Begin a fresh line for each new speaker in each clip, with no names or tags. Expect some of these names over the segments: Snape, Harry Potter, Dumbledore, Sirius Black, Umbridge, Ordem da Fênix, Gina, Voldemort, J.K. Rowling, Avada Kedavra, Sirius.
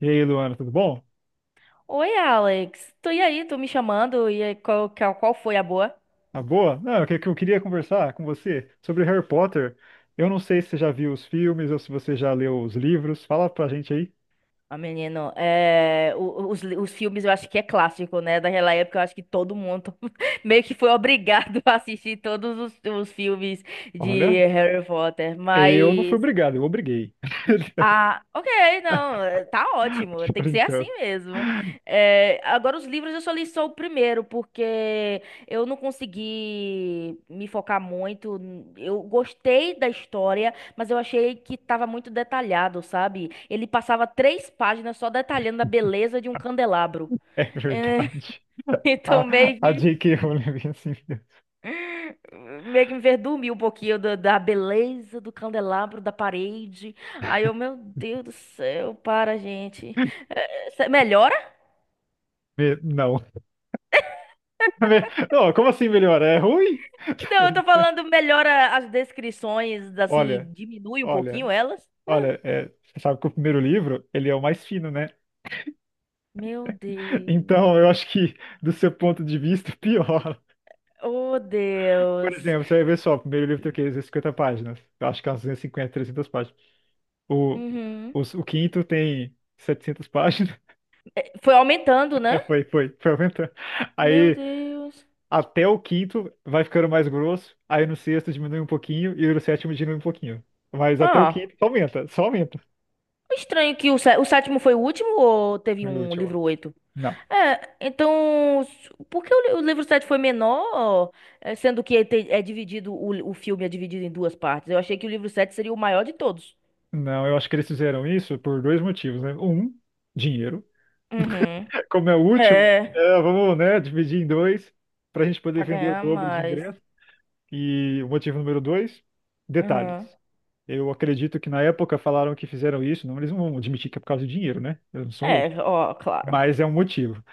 E aí, Luana, tudo bom?
Oi, Alex. Tu e aí? Tu me chamando? E aí, qual foi a boa?
Tá boa? Não, o que que eu queria conversar com você sobre Harry Potter. Eu não sei se você já viu os filmes ou se você já leu os livros. Fala pra gente aí.
Ah, menino, os filmes eu acho que é clássico, né? Daquela época eu acho que todo mundo meio que foi obrigado a assistir todos os filmes de
Olha,
Harry Potter.
eu não fui
Mas.
obrigado, eu obriguei.
Ah, ok, não, tá ótimo,
Tô
tem que ser assim
brincando.
mesmo. Agora, os livros eu só li só o primeiro, porque eu não consegui me focar muito. Eu gostei da história, mas eu achei que tava muito detalhado, sabe? Ele passava três páginas só detalhando a beleza de um candelabro.
É
Eh,
verdade. A,
então, meio
a
que.
J.K. Rowling vem assim.
Meio que me enverdume um pouquinho da beleza do candelabro, da parede. Aí eu, meu Deus do céu, para, gente. É, melhora?
Não. Não, como assim melhor? É ruim?
Não, eu tô falando, melhora as descrições,
Olha,
assim, diminui um pouquinho
olha,
elas.
olha. Você sabe que o primeiro livro, ele é o mais fino, né?
Meu Deus.
Então, eu acho que, do seu ponto de vista, pior.
Oh,
Por
Deus.
exemplo, você vai ver só, o primeiro livro tem o quê? 250 páginas. Eu acho que é umas 250, 300 páginas. O,
Uhum.
o quinto tem 700 páginas.
Foi aumentando,
É,
né?
foi aumentando.
Meu
Aí,
Deus.
até o quinto vai ficando mais grosso. Aí no sexto diminui um pouquinho e no sétimo diminui um pouquinho. Mas até o
Ah,
quinto só aumenta, só aumenta.
estranho que o sétimo foi o último ou teve
E o
um
último.
livro oito.
Não.
É, então, por que o livro 7 foi menor, sendo que é dividido, o filme é dividido em duas partes? Eu achei que o livro sete seria o maior de todos.
Não, eu acho que eles fizeram isso por dois motivos, né? Um, dinheiro.
Uhum.
Como é o último,
É,
é, vamos, né, dividir em dois para a gente poder
pra
vender o
ganhar
dobro de
mais.
ingresso. E o motivo número dois, detalhes.
Uhum.
Eu acredito que na época falaram que fizeram isso, não, eles não vão admitir que é por causa de dinheiro, né? Eles não são loucos.
É, ó, claro.
Mas é um motivo.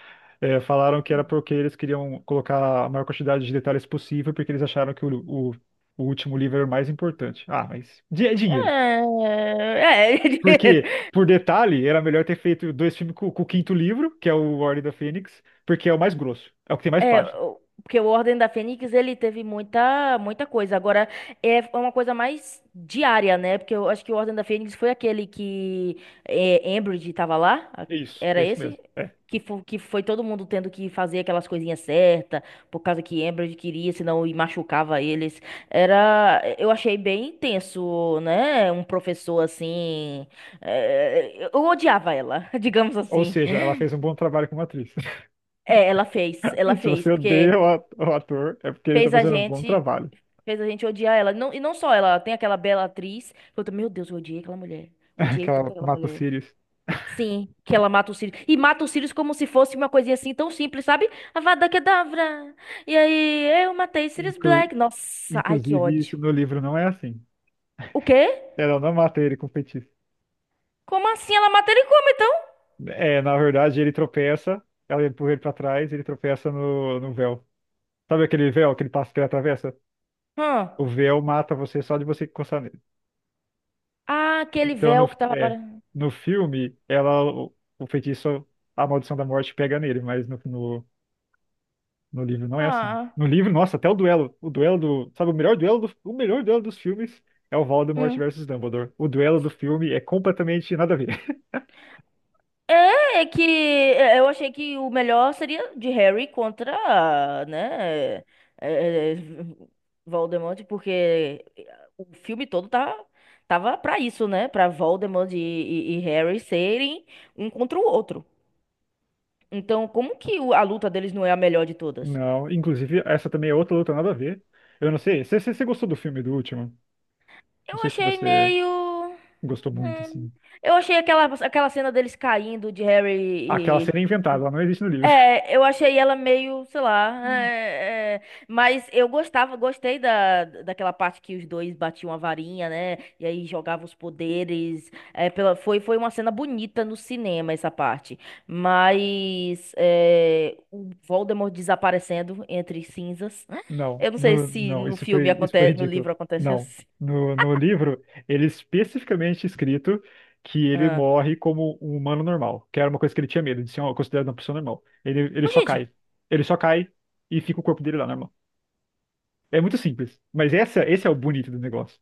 É, falaram que era porque eles queriam colocar a maior quantidade de detalhes possível, porque eles acharam que o, o último livro era o mais importante. Ah, mas é
É,
dinheiro.
é
Porque,
dinheiro.
por detalhe, era melhor ter feito dois filmes com o quinto livro, que é o Ordem da Fênix, porque é o mais grosso, é o que tem mais
É,
páginas.
porque o Ordem da Fênix, ele teve muita, muita coisa. Agora, é uma coisa mais diária, né? Porque eu acho que o Ordem da Fênix foi aquele que Umbridge tava lá.
Isso, é
Era
isso
esse?
mesmo. É.
Que foi todo mundo tendo que fazer aquelas coisinhas certas, por causa que Umbridge queria, senão e machucava eles. Era, eu achei bem tenso, né? Um professor assim. Eu odiava ela, digamos
Ou
assim.
seja, ela fez um bom trabalho como atriz.
É, ela
Se
fez,
você odeia
porque
o ator, é porque ele está
fez a
fazendo um bom
gente.
trabalho.
Fez a gente odiar ela. Não, e não só ela, tem aquela bela atriz. Que Eu, tô, meu Deus, eu odiei aquela mulher. Odiei
Que
tanto
ela
aquela
mata o
mulher.
Sirius.
Sim, que ela mata o Sirius. E mata o Sirius como se fosse uma coisinha assim tão simples, sabe? Avada Kedavra. E aí, eu matei Sirius
Inclu-
Black. Nossa, ai que
Inclusive,
ódio.
isso no livro não é assim.
O quê?
Ela não mata ele com feitiço.
Como assim? Ela mata ele como então?
É, na verdade, ele tropeça, ela empurra ele pra trás, ele tropeça no véu. Sabe aquele véu, aquele passo que ele atravessa?
Hã?
O véu mata você só de você encostar nele.
Ah, aquele
Então,
véu que tava para.
no filme, ela, o feitiço, a maldição da morte pega nele, mas no livro não é assim.
Ah.
No livro, nossa, até o duelo. O duelo do. Sabe, o melhor duelo do, o melhor duelo dos filmes é o Voldemort
Hum.
versus Dumbledore. O duelo do filme é completamente nada a ver.
É que eu achei que o melhor seria de Harry contra, né, é, é, Voldemort, porque o filme todo tava pra isso, né, pra Voldemort e Harry serem um contra o outro. Então, como que a luta deles não é a melhor de todas?
Não, inclusive, essa também é outra luta nada a ver. Eu não sei. Você gostou do filme do último? Não
Eu
sei se
achei
você
meio...
gostou muito,
hum,
assim.
eu achei aquela cena deles caindo de
Aquela cena é
Harry.
inventada, ela não existe no livro.
É, eu achei ela meio, sei lá, mas eu gostei daquela parte que os dois batiam a varinha, né? E aí jogavam os poderes. Foi uma cena bonita no cinema essa parte. Mas o Voldemort desaparecendo entre cinzas.
Não,
Eu não sei se no
isso
filme
foi
acontece, no
ridículo.
livro acontece
Não.
assim.
No livro, ele é especificamente escrito que ele
Ah.
morre como um humano normal, que era uma coisa que ele tinha medo de ser considerado uma pessoa normal. Ele
Ô,
só
gente.
cai. Ele só cai e fica o corpo dele lá normal. É muito simples. Mas essa, esse é o bonito do negócio.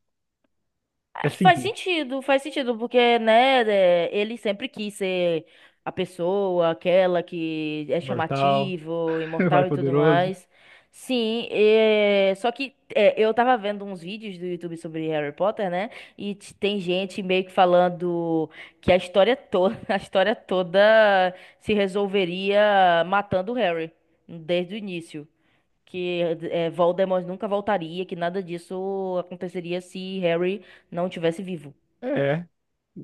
É
Ah, faz
simples.
sentido, faz sentido, porque, né, ele sempre quis ser a pessoa, aquela que
É
é
Mortal,
chamativo,
mais
imortal e tudo
poderoso.
mais. Sim, só que eu tava vendo uns vídeos do YouTube sobre Harry Potter, né? E tem gente meio que falando que a história toda, a história toda se resolveria matando o Harry desde o início que Voldemort nunca voltaria, que nada disso aconteceria se Harry não tivesse vivo.
É,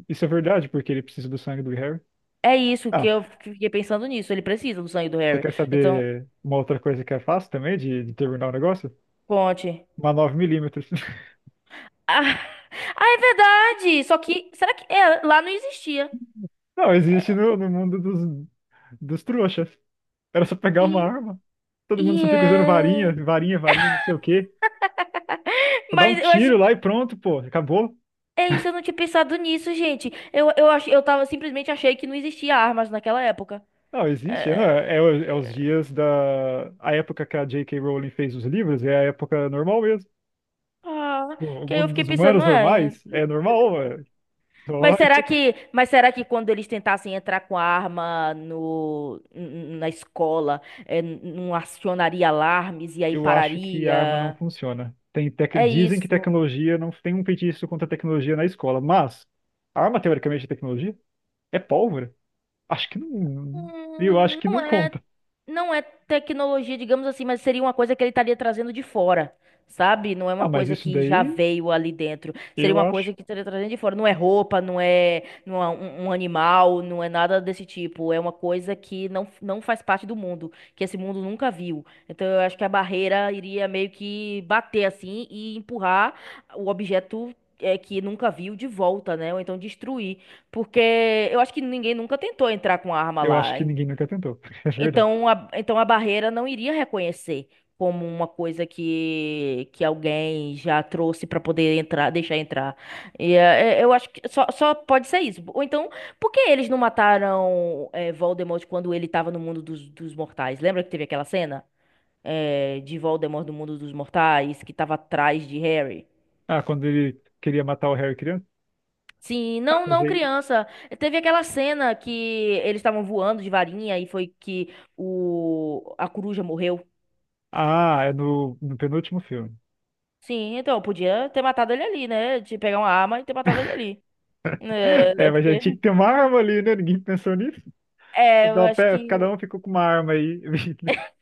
isso é verdade, porque ele precisa do sangue do Harry.
É isso que
Ah,
eu fiquei pensando nisso. Ele precisa do sangue do
você
Harry.
quer
Então,
saber uma outra coisa que é fácil também de terminar o negócio?
conte.
Uma nove milímetros.
Ah, ah, é verdade! Só que, será que lá não existia?
Não, existe no mundo dos trouxas. Era só pegar uma
E,
arma. Todo mundo
e
só fica usando
é.
varinha, varinha, varinha, não sei o quê. Só dá um
Mas eu acho
tiro
que.
lá e pronto, pô, acabou.
É isso, eu não tinha pensado nisso, gente. Eu tava, simplesmente achei que não existia armas naquela época.
Não, existe. Não,
É,
é os dias da. A época que a J.K. Rowling fez os livros é a época normal mesmo.
ah,
O
que aí eu
mundo
fiquei
dos
pensando,
humanos
não
normais
é?
é normal, ué. Só
Mas
isso
será
aqui.
que, mas será que quando eles tentassem entrar com a arma no, n- na escola, não acionaria alarmes e aí
Eu acho que a arma não
pararia?
funciona. Tem tec...
É
Dizem que
isso.
tecnologia não tem um feitiço contra a tecnologia na escola, mas arma teoricamente é tecnologia é pólvora. Acho que não. Eu acho que
Não
não
é.
conta.
Não é tecnologia, digamos assim, mas seria uma coisa que ele estaria trazendo de fora, sabe? Não é uma
Ah, mas
coisa
isso
que já
daí,
veio ali dentro. Seria
eu
uma
acho.
coisa que estaria trazendo de fora. Não é roupa, não é, não é um animal, não é nada desse tipo. É uma coisa que não faz parte do mundo, que esse mundo nunca viu. Então eu acho que a barreira iria meio que bater assim e empurrar o objeto. Que nunca viu de volta, né? Ou então destruir. Porque eu acho que ninguém nunca tentou entrar com arma
Eu
lá.
acho que ninguém nunca tentou. É verdade.
Então a barreira não iria reconhecer como uma coisa que alguém já trouxe para poder entrar, deixar entrar. E eu acho que só pode ser isso. Ou então, por que eles não mataram Voldemort quando ele estava no mundo dos mortais? Lembra que teve aquela cena de Voldemort no mundo dos mortais que estava atrás de Harry?
Ah, quando ele queria matar o Harry criança,
Sim,
mas
não, não,
aí.
criança. Teve aquela cena que eles estavam voando de varinha e foi que a coruja morreu.
Ah, é no penúltimo filme.
Sim, então, eu podia ter matado ele ali, né? De pegar uma arma e ter matado ele ali. É,
É,
é
mas já
porque.
tinha que ter uma arma ali, né? Ninguém pensou nisso.
É, eu acho
Cada
que.
um ficou com uma arma aí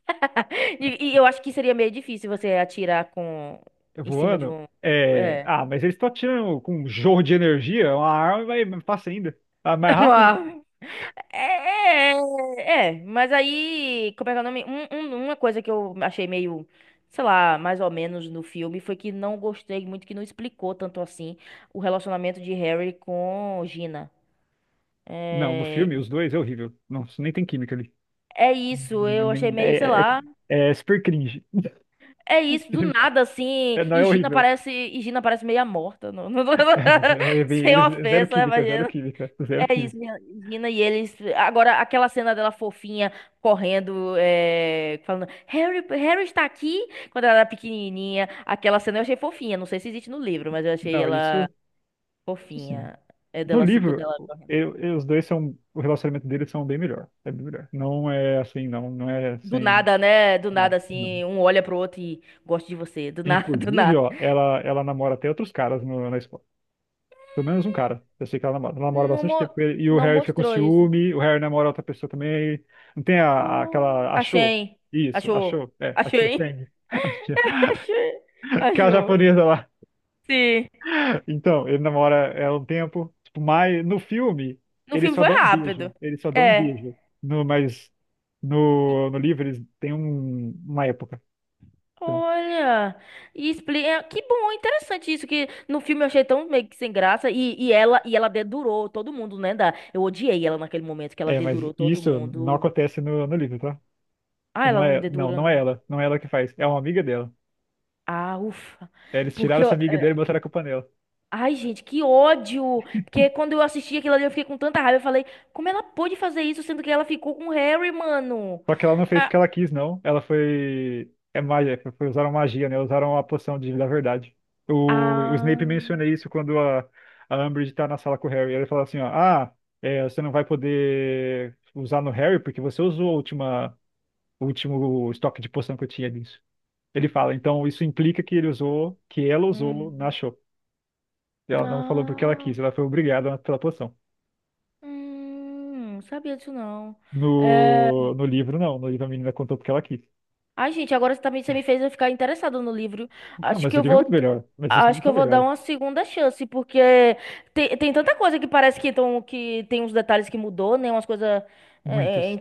E eu acho que seria meio difícil você atirar com. Em cima de
voando.
um.
É...
É.
Ah, mas eles estão atirando com um jorro de energia, uma arma vai mais fácil ainda. Ah, mais
Uma
rápido?
arma. É, é, mas aí. Como é que é o nome? Uma coisa que eu achei meio. Sei lá, mais ou menos no filme, foi que não gostei muito, que não explicou tanto assim o relacionamento de Harry com Gina.
Não, no filme,
É,
os dois é horrível. Não, isso nem tem química ali.
é isso, eu achei
Nem-
meio, sei
É,
lá.
É super cringe.
É isso, do nada, assim,
É, não
e
é
Gina
horrível.
parece, e Gina parece meia morta.
É, não,
Sem
zero
ofensa,
química, zero
imagina.
química, zero
É
química.
isso, Gina e eles. Agora, aquela cena dela fofinha, correndo, falando, Harry, Harry está aqui, quando ela era pequenininha. Aquela cena eu achei fofinha, não sei se existe no livro, mas eu achei
Não,
ela
isso sim.
fofinha. É
No
dela, assim, quando
livro,
ela correndo.
os dois são, o relacionamento deles são bem melhor. É bem melhor. Não é assim, não, não é
Do
assim,
nada, né? Do
não,
nada,
não.
assim, um olha pro outro e gosta de você. Do nada, do
Inclusive,
nada.
ó, ela namora até outros caras na escola. Pelo menos um cara. Eu sei que ela namora
Não,
bastante tempo. E o
não
Harry fica com
mostrou isso.
ciúme, o Harry namora outra pessoa também. Não tem aquela. Achou?
Achei.
Isso,
Achou.
achou. É,
Achou,
achou
hein?
Feng. Achou.
Achei.
Aquela
Achou.
japonesa lá.
Sim.
Então, ele namora ela um tempo. Tipo, mas no filme,
No
eles
filme
só
foi
dão um beijo.
rápido.
Eles só dão um
É.
beijo. No, mas
E-
no, no livro, eles têm uma época. Então,
Olha. E explica... Que bom, interessante isso, que no filme eu achei tão meio que sem graça. E ela dedurou todo mundo, né? Da... Eu odiei ela naquele momento, que ela
é, mas
dedurou todo
isso não
mundo.
acontece no livro, tá?
Ah,
Não
ela não
é,
dedura.
não é ela. Não é ela que faz. É uma amiga dela.
Ah, ufa.
É, eles tiraram
Porque
essa
eu,
amiga dele e botaram a culpa nela.
Ai, gente, que ódio! Porque quando eu assisti aquilo ali, eu fiquei com tanta raiva. Eu falei, como ela pôde fazer isso, sendo que ela ficou com o Harry, mano?
Só que ela não fez
Ah,
porque ela quis, não. Ela foi. É magia, usaram magia, né? Usaram a poção da verdade. O Snape
ah,
menciona isso quando a Umbridge tá na sala com o Harry. Ele fala assim, ó, você não vai poder usar no Harry porque você usou o último estoque de poção que eu tinha disso. Ele fala, então isso implica que ele usou, que ela usou na
hum,
show. Ela não falou porque ela
ah,
quis, ela foi obrigada pela poção.
não sabia disso não. É,
No livro, não. No livro a menina contou porque ela quis.
Ai, gente, agora você também você me fez eu ficar interessado no livro.
Não,
Acho
mas
que
o
eu
livro é muito
vou,
melhor. Mas os
acho
livros
que
são
eu vou dar
melhores.
uma segunda chance, porque tem tanta coisa que parece que tem uns detalhes que mudou, né? Umas coisas
Muitos,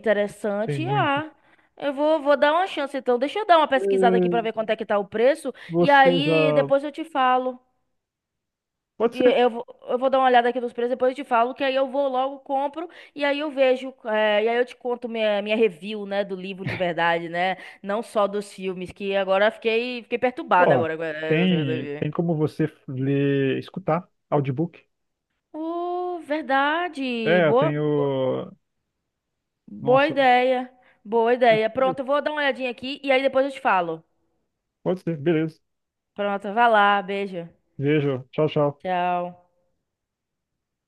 tem muitos.
Ah, eu vou dar uma chance, então. Deixa eu dar uma pesquisada aqui pra ver
Eh,
quanto é que tá o preço, e
Você
aí
já.
depois eu te falo.
Pode
E
ser.
Eu vou, eu vou dar uma olhada aqui nos preços, depois eu te falo, que aí eu vou logo, compro, e aí eu vejo, e aí eu te conto minha review, né, do livro de verdade, né, não só dos filmes, que agora fiquei perturbada
Ó,
agora. Com essa coisa
tem,
aqui.
tem como você ler, escutar audiobook.
Oh, verdade,
É, eu
boa,
tenho.
boa
Nossa,
ideia, boa
eu-
ideia.
eu-
Pronto, eu vou dar uma olhadinha aqui, e aí depois eu te falo.
pode ser, beleza.
Pronto, vai lá, beijo,
Vejo. Tchau, tchau.
tchau.